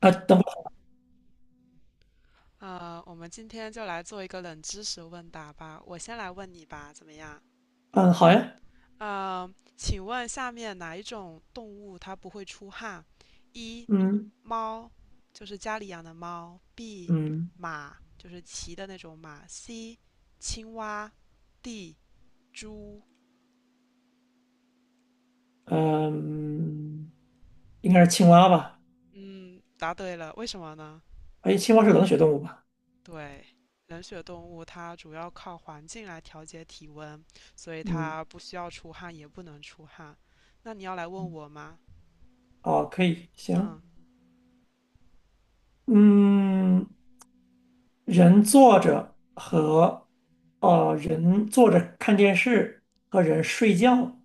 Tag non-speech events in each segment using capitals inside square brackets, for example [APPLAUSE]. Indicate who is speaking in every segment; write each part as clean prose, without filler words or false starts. Speaker 1: 啊，等会。
Speaker 2: 我们今天就来做一个冷知识问答吧。我先来问你吧，怎么样？
Speaker 1: 嗯，好呀。
Speaker 2: 请问下面哪一种动物它不会出汗？一
Speaker 1: 嗯
Speaker 2: 猫，就是家里养的猫；B
Speaker 1: 嗯
Speaker 2: 马，就是骑的那种马；C 青蛙；D 猪。
Speaker 1: 嗯，应该是青蛙吧？
Speaker 2: 嗯，答对了，为什么呢？
Speaker 1: 哎，青蛙是冷血动物吧？
Speaker 2: 对，冷血动物它主要靠环境来调节体温，所以
Speaker 1: 嗯，
Speaker 2: 它不需要出汗，也不能出汗。那你要来问我吗？
Speaker 1: 哦，可以，行，
Speaker 2: 嗯，
Speaker 1: 嗯，人坐着和人坐着看电视和人
Speaker 2: 嗯
Speaker 1: 睡觉，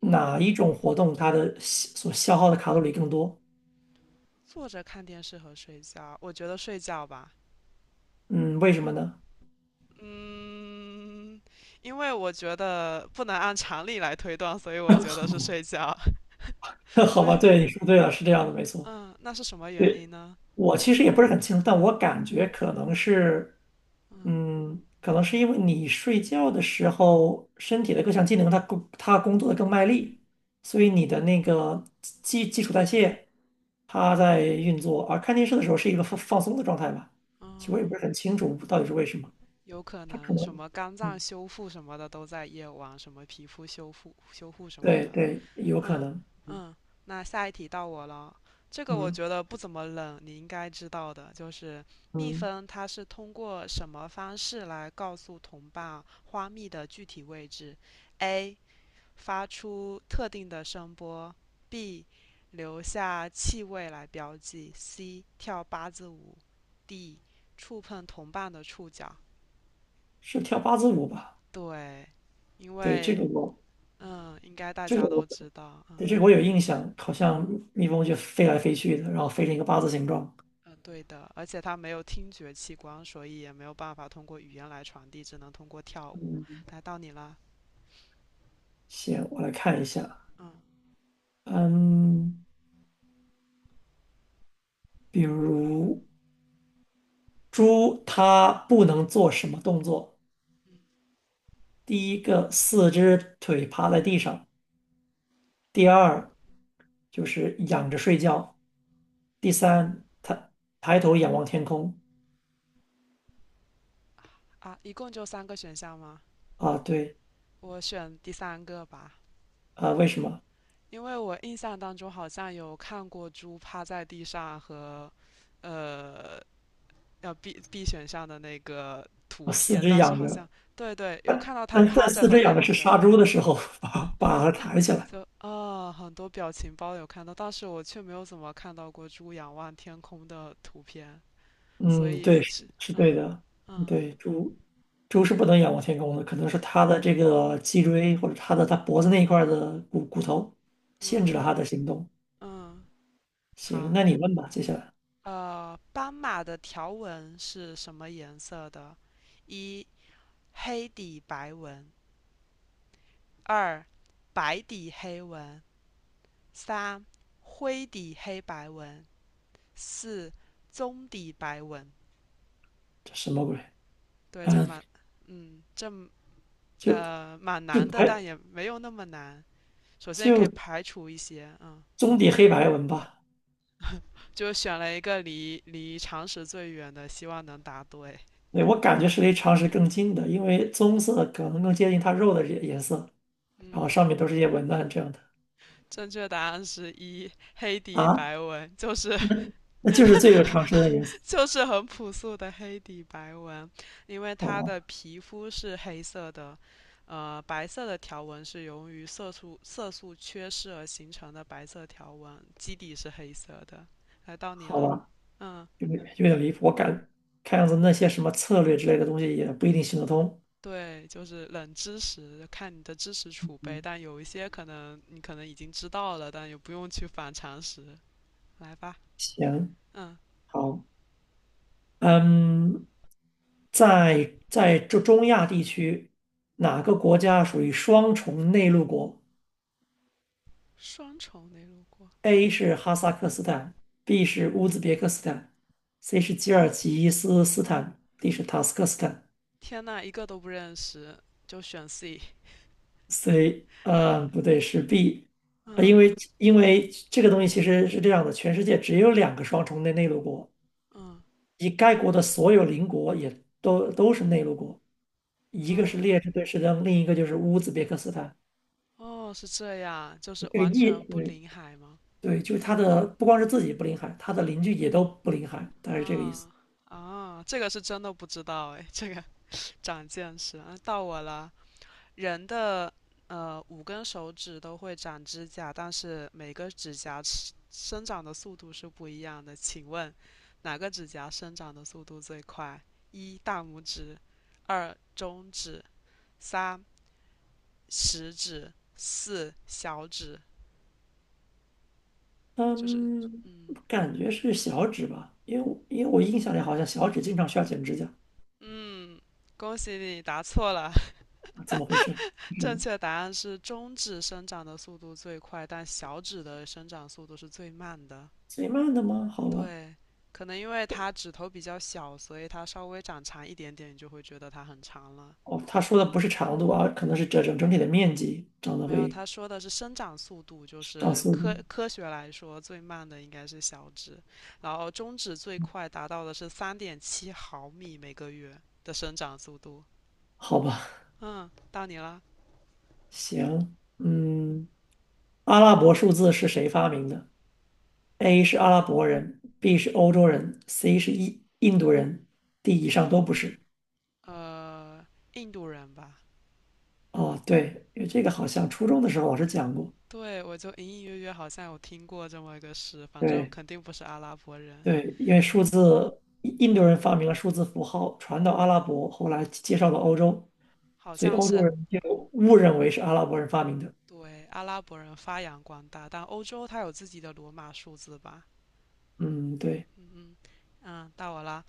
Speaker 2: 嗯，
Speaker 1: 哪一种活动它的消耗的卡路里更多？
Speaker 2: 坐着看电视和睡觉，我觉得睡觉吧。
Speaker 1: 嗯，为什么呢？
Speaker 2: 嗯，因为我觉得不能按常理来推断，所以我觉得是睡觉。[LAUGHS]
Speaker 1: [LAUGHS] 好
Speaker 2: 所
Speaker 1: 吧，
Speaker 2: 以，
Speaker 1: 对，你说对了，是这样的，没错。
Speaker 2: 嗯，那是什么原
Speaker 1: 对。
Speaker 2: 因呢？
Speaker 1: 我其实也不是很清楚，但我感觉可能是，
Speaker 2: 嗯，
Speaker 1: 可能是因为你睡觉的时候，身体的各项机能它工作的更卖力，所以你的那个基础代谢它在运作，而看电视的时候是一个放松的状态吧。其实
Speaker 2: 哦，
Speaker 1: 我也不是很清楚到底是为什么，
Speaker 2: 有可
Speaker 1: 它可
Speaker 2: 能什
Speaker 1: 能，
Speaker 2: 么肝脏
Speaker 1: 嗯，
Speaker 2: 修复什么的都在夜晚，什么皮肤修复什么
Speaker 1: 对
Speaker 2: 的。
Speaker 1: 对，有可
Speaker 2: 嗯
Speaker 1: 能。
Speaker 2: 嗯，那下一题到我了。这个我
Speaker 1: 嗯
Speaker 2: 觉得不怎么冷，你应该知道的，就是蜜
Speaker 1: 嗯，
Speaker 2: 蜂它是通过什么方式来告诉同伴花蜜的具体位置？A. 发出特定的声波；B. 留下气味来标记；C. 跳八字舞；D. 触碰同伴的触角。
Speaker 1: 是跳八字舞吧？
Speaker 2: 对，因
Speaker 1: 对，这
Speaker 2: 为
Speaker 1: 个我
Speaker 2: 应该大
Speaker 1: 这个
Speaker 2: 家
Speaker 1: 我。
Speaker 2: 都知道，
Speaker 1: 对，
Speaker 2: 嗯
Speaker 1: 这个我有印象，好像
Speaker 2: 嗯。
Speaker 1: 蜜蜂就飞来飞去的，然后飞成一个八字形状。
Speaker 2: 对的，而且它没有听觉器官，所以也没有办法通过语言来传递，只能通过跳舞。来到你了，
Speaker 1: 行，我来看一下。
Speaker 2: 嗯
Speaker 1: 嗯，比如猪，它不能做什么动作？第一个，四只腿趴在地上；第二，就是仰着睡觉；第三，抬头仰望天空。
Speaker 2: 一共就三个选项吗？
Speaker 1: 啊，对。
Speaker 2: 我选第三个吧，
Speaker 1: 啊，为什么？
Speaker 2: 因为我印象当中好像有看过猪趴在地上和，呃，要 B 选项的那个图
Speaker 1: 啊，四
Speaker 2: 片，
Speaker 1: 肢
Speaker 2: 但是
Speaker 1: 仰
Speaker 2: 好像
Speaker 1: 着，
Speaker 2: 对对，有看到它
Speaker 1: 但
Speaker 2: 趴着
Speaker 1: 四
Speaker 2: 和
Speaker 1: 肢仰着
Speaker 2: 仰
Speaker 1: 是
Speaker 2: 着。
Speaker 1: 杀猪的时候 [LAUGHS] 把它抬起来。
Speaker 2: 就啊，很多表情包有看到，但是我却没有怎么看到过猪仰望天空的图片。所
Speaker 1: 嗯，
Speaker 2: 以
Speaker 1: 对，是
Speaker 2: 是
Speaker 1: 是对的。
Speaker 2: 嗯
Speaker 1: 对，猪是不能仰望天空的，可能是它的这个脊椎或者它的脖子那一块儿的骨头限制
Speaker 2: 嗯
Speaker 1: 了它的行动。
Speaker 2: 嗯，
Speaker 1: 行，
Speaker 2: 好，
Speaker 1: 那你问吧，接下来。
Speaker 2: 斑马的条纹是什么颜色的？一黑底白纹，二白底黑纹，三灰底黑白纹，四棕底白纹。
Speaker 1: 这什么鬼？
Speaker 2: 对，这
Speaker 1: 嗯，
Speaker 2: 蛮，嗯，这
Speaker 1: 就
Speaker 2: 呃蛮
Speaker 1: 就
Speaker 2: 难的，但
Speaker 1: 白
Speaker 2: 也没有那么难。首先，你可以
Speaker 1: 就
Speaker 2: 排除一些，
Speaker 1: 棕底黑白纹吧。
Speaker 2: 就选了一个离常识最远的，希望能答对。
Speaker 1: 对，我感觉是离常识更近的，因为棕色可能更接近它肉的颜色，然后
Speaker 2: 嗯，
Speaker 1: 上面都是一些文案这样的。
Speaker 2: 正确答案是一黑底
Speaker 1: 啊，
Speaker 2: 白纹，就是 [LAUGHS]
Speaker 1: 那就是这个常识的颜色。
Speaker 2: 就是很朴素的黑底白纹，因为
Speaker 1: 好
Speaker 2: 它的
Speaker 1: 吧，
Speaker 2: 皮肤是黑色的，白色的条纹是由于色素缺失而形成的白色条纹，基底是黑色的。来到你
Speaker 1: 好
Speaker 2: 了，
Speaker 1: 吧。
Speaker 2: 嗯，
Speaker 1: 有点离谱。看样子那些什么策略之类的东西也不一定行得通。
Speaker 2: 对，就是冷知识，看你的知识储备，
Speaker 1: 嗯，
Speaker 2: 但有一些可能你可能已经知道了，但也不用去反常识。来吧，
Speaker 1: 行，
Speaker 2: 嗯，
Speaker 1: 好，嗯，在中亚地区，哪个国家属于双重内陆国
Speaker 2: 双重内陆过。
Speaker 1: ？A 是哈萨克斯坦，B 是乌兹别克斯坦，C 是吉尔吉斯斯坦，D 是塔斯克斯坦。
Speaker 2: 天呐，一个都不认识，就选 C。
Speaker 1: C，不对，是 B。啊，因
Speaker 2: 嗯
Speaker 1: 为因为这个东西其实是这样的，全世界只有两个双重内陆国，
Speaker 2: 嗯
Speaker 1: 以该国的所有邻国也都是内陆国，一个是
Speaker 2: 嗯，
Speaker 1: 列支敦士登，另一个就是乌兹别克斯坦。
Speaker 2: 哦，是这样，就是
Speaker 1: 这个
Speaker 2: 完
Speaker 1: 意，
Speaker 2: 全不
Speaker 1: 对
Speaker 2: 临海吗？
Speaker 1: 对，就是它的不光是自己不临海，它的邻居也都不临海，大概是这个意思。
Speaker 2: 啊啊，这个是真的不知道哎，这个 [LAUGHS] 长见识啊，到我了。人的5根手指都会长指甲，但是每个指甲是生长的速度是不一样的。请问哪个指甲生长的速度最快？一大拇指，二中指，三食指、四小指，就是
Speaker 1: 嗯，
Speaker 2: 嗯
Speaker 1: 感觉是小指吧，因为我印象里好像小指经常需要剪指甲。
Speaker 2: 嗯，恭喜你答错了，
Speaker 1: 啊，怎么回事？
Speaker 2: [LAUGHS]
Speaker 1: 什
Speaker 2: 正
Speaker 1: 么
Speaker 2: 确答案是中指生长的速度最快，但小指的生长速度是最慢的。
Speaker 1: 最慢的吗？好吧。
Speaker 2: 对，可能因为它指头比较小，所以它稍微长长一点点，你就会觉得它很长了。
Speaker 1: 哦，他说的不是长度啊，可能是整体的面积长得
Speaker 2: 没有，
Speaker 1: 会
Speaker 2: 他说的是生长速度，就
Speaker 1: 长
Speaker 2: 是
Speaker 1: 速
Speaker 2: 科
Speaker 1: 度。
Speaker 2: 科学来说最慢的应该是小指，然后中指最快达到的是3.7毫米每个月的生长速度。
Speaker 1: 好吧，
Speaker 2: 嗯，到你了。
Speaker 1: 行，
Speaker 2: 嗯，
Speaker 1: 嗯。阿拉伯数字是谁发明的？A 是阿拉伯人，B 是欧洲人，C 是印度人，D 以上都不是。
Speaker 2: 印度人吧？
Speaker 1: 哦，对，因为这个好像初中的时候老师讲过。
Speaker 2: 对，我就隐隐约约好像有听过这么一个事，反正
Speaker 1: 对
Speaker 2: 肯定不是阿拉伯人
Speaker 1: 对，因为数
Speaker 2: 了，
Speaker 1: 字，印度人发明了数字符号，传到阿拉伯，后来介绍到欧洲，
Speaker 2: 好
Speaker 1: 所以
Speaker 2: 像
Speaker 1: 欧洲
Speaker 2: 是
Speaker 1: 人就误认为是阿拉伯人发明的。
Speaker 2: 对阿拉伯人发扬光大，但欧洲它有自己的罗马数字吧？
Speaker 1: 嗯，对，
Speaker 2: 嗯，到我了。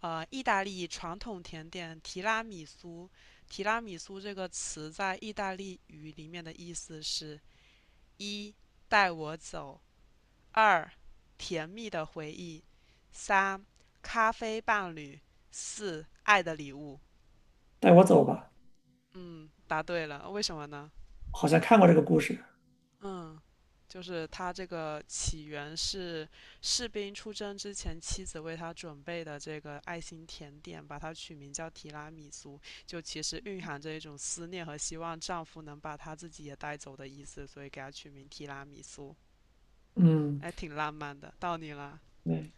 Speaker 2: 意大利传统甜点提拉米苏，提拉米苏这个词在意大利语里面的意思是“一带我走”。二、甜蜜的回忆；三、咖啡伴侣；四、爱的礼物。
Speaker 1: 带我走吧，
Speaker 2: 嗯，答对了，为什么呢？
Speaker 1: 好像看过这个故事。
Speaker 2: 嗯，就是他这个起源是士兵出征之前妻子为他准备的这个爱心甜点，把它取名叫提拉米苏，就其实蕴含着一种思念和希望丈夫能把他自己也带走的意思，所以给他取名提拉米苏，
Speaker 1: 嗯，
Speaker 2: 哎，挺浪漫的。到你了，
Speaker 1: 对。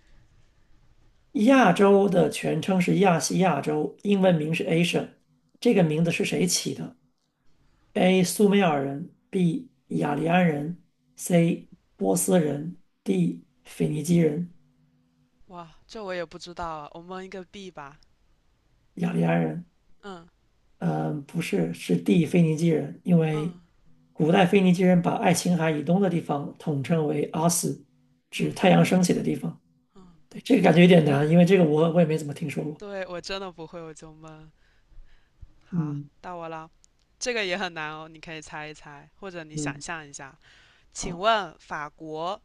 Speaker 1: 亚洲的全称是亚细亚洲，英文名是 Asia 这个名字是谁起的？A. 苏美尔人，B. 雅利安人，C. 波斯人，D. 腓尼基人。
Speaker 2: 哇，这我也不知道啊，我蒙一个 B 吧。
Speaker 1: 雅利安人，
Speaker 2: 嗯
Speaker 1: 嗯、不是，是 D. 腓尼基人，因为
Speaker 2: 嗯
Speaker 1: 古代腓尼基人把爱琴海以东的地方统称为阿斯，指
Speaker 2: 嗯
Speaker 1: 太阳升起的地方。
Speaker 2: 嗯，
Speaker 1: 对，这个感
Speaker 2: 那
Speaker 1: 觉有点难，因为这个我也没怎么听说过。
Speaker 2: 对我真的不会，我就闷。好，
Speaker 1: 嗯
Speaker 2: 到我了，这个也很难哦，你可以猜一猜，或者你想
Speaker 1: 嗯，
Speaker 2: 象一下。请
Speaker 1: 好，
Speaker 2: 问法国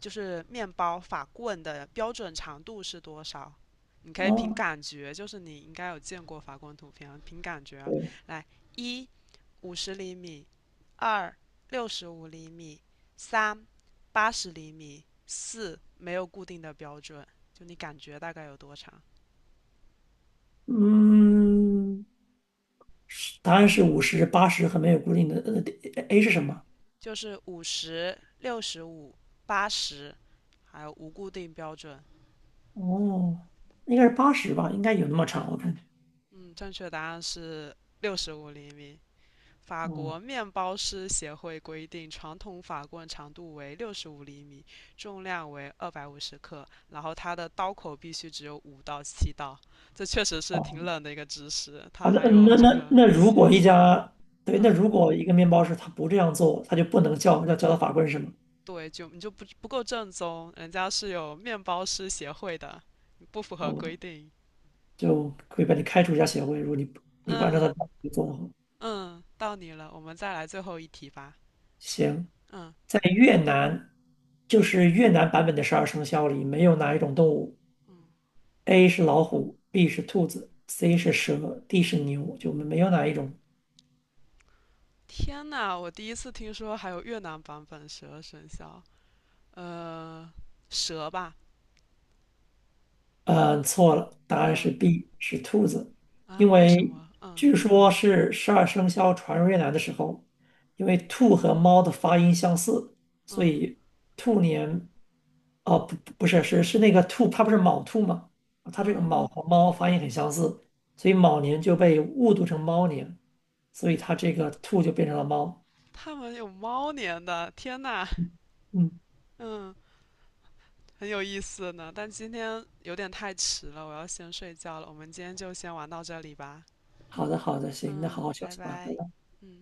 Speaker 2: 就是面包法棍的标准长度是多少？你可以凭
Speaker 1: 哦，
Speaker 2: 感觉，就是你应该有见过法棍图片啊，凭感觉啊
Speaker 1: 对，
Speaker 2: 来：一50厘米，二六十五厘米，三80厘米，四没有固定的标准，就你感觉大概有多长？
Speaker 1: 嗯。答案是50、八十和没有固定的。A 是什么？
Speaker 2: 就是五十六十五、八十，还有无固定标准。
Speaker 1: 哦，应该是八十吧，应该有那么长，我感觉。
Speaker 2: 嗯，正确答案是六十五厘米。法
Speaker 1: 哦
Speaker 2: 国面包师协会规定，传统法棍长度为六十五厘米，重量为250克，然后它的刀口必须只有5到7刀。这确实是挺
Speaker 1: 哦，
Speaker 2: 冷的一个知识，它
Speaker 1: 啊，那
Speaker 2: 还有
Speaker 1: 那
Speaker 2: 这
Speaker 1: 那
Speaker 2: 个
Speaker 1: 那如
Speaker 2: 协
Speaker 1: 果一
Speaker 2: 会，
Speaker 1: 家对，那
Speaker 2: 嗯，
Speaker 1: 如果一个面包师他不这样做，他就不能叫他法官，是吗？
Speaker 2: 对，就你就不够正宗，人家是有面包师协会的，你不符
Speaker 1: 好
Speaker 2: 合
Speaker 1: 吧，
Speaker 2: 规定。
Speaker 1: 就会把你开除一下协会。如果你不按照他
Speaker 2: 嗯
Speaker 1: 的要求做的话，
Speaker 2: 嗯，到你了，我们再来最后一题吧。
Speaker 1: 行，
Speaker 2: 嗯
Speaker 1: 在越南，就是越南版本的十二生肖里没有哪一种动物
Speaker 2: 嗯，
Speaker 1: ，A 是老虎，B 是兔子，C 是蛇，D 是牛，就没有哪一种。
Speaker 2: 天呐，我第一次听说还有越南版本《十二生肖》。呃，蛇吧？
Speaker 1: 嗯，错了，答案
Speaker 2: 嗯
Speaker 1: 是 B，是兔子，因
Speaker 2: 为什
Speaker 1: 为
Speaker 2: 么？嗯
Speaker 1: 据说是十二生肖传入越南的时候，因为兔和猫的发音相似，所
Speaker 2: 嗯
Speaker 1: 以兔年，哦，不，不是，是那个兔，它不是卯兔吗？它这个
Speaker 2: 嗯，
Speaker 1: 卯和猫发音很相似，所以卯年就被误读成猫年，所以它这个兔就变成了猫。
Speaker 2: 他们有猫年的，天呐，
Speaker 1: 嗯，嗯，
Speaker 2: 嗯，很有意思呢。但今天有点太迟了，我要先睡觉了。我们今天就先玩到这里吧。
Speaker 1: 好的，好的，行，那好好
Speaker 2: 嗯，
Speaker 1: 休
Speaker 2: 拜
Speaker 1: 息吧，拜
Speaker 2: 拜。
Speaker 1: 拜。
Speaker 2: 嗯。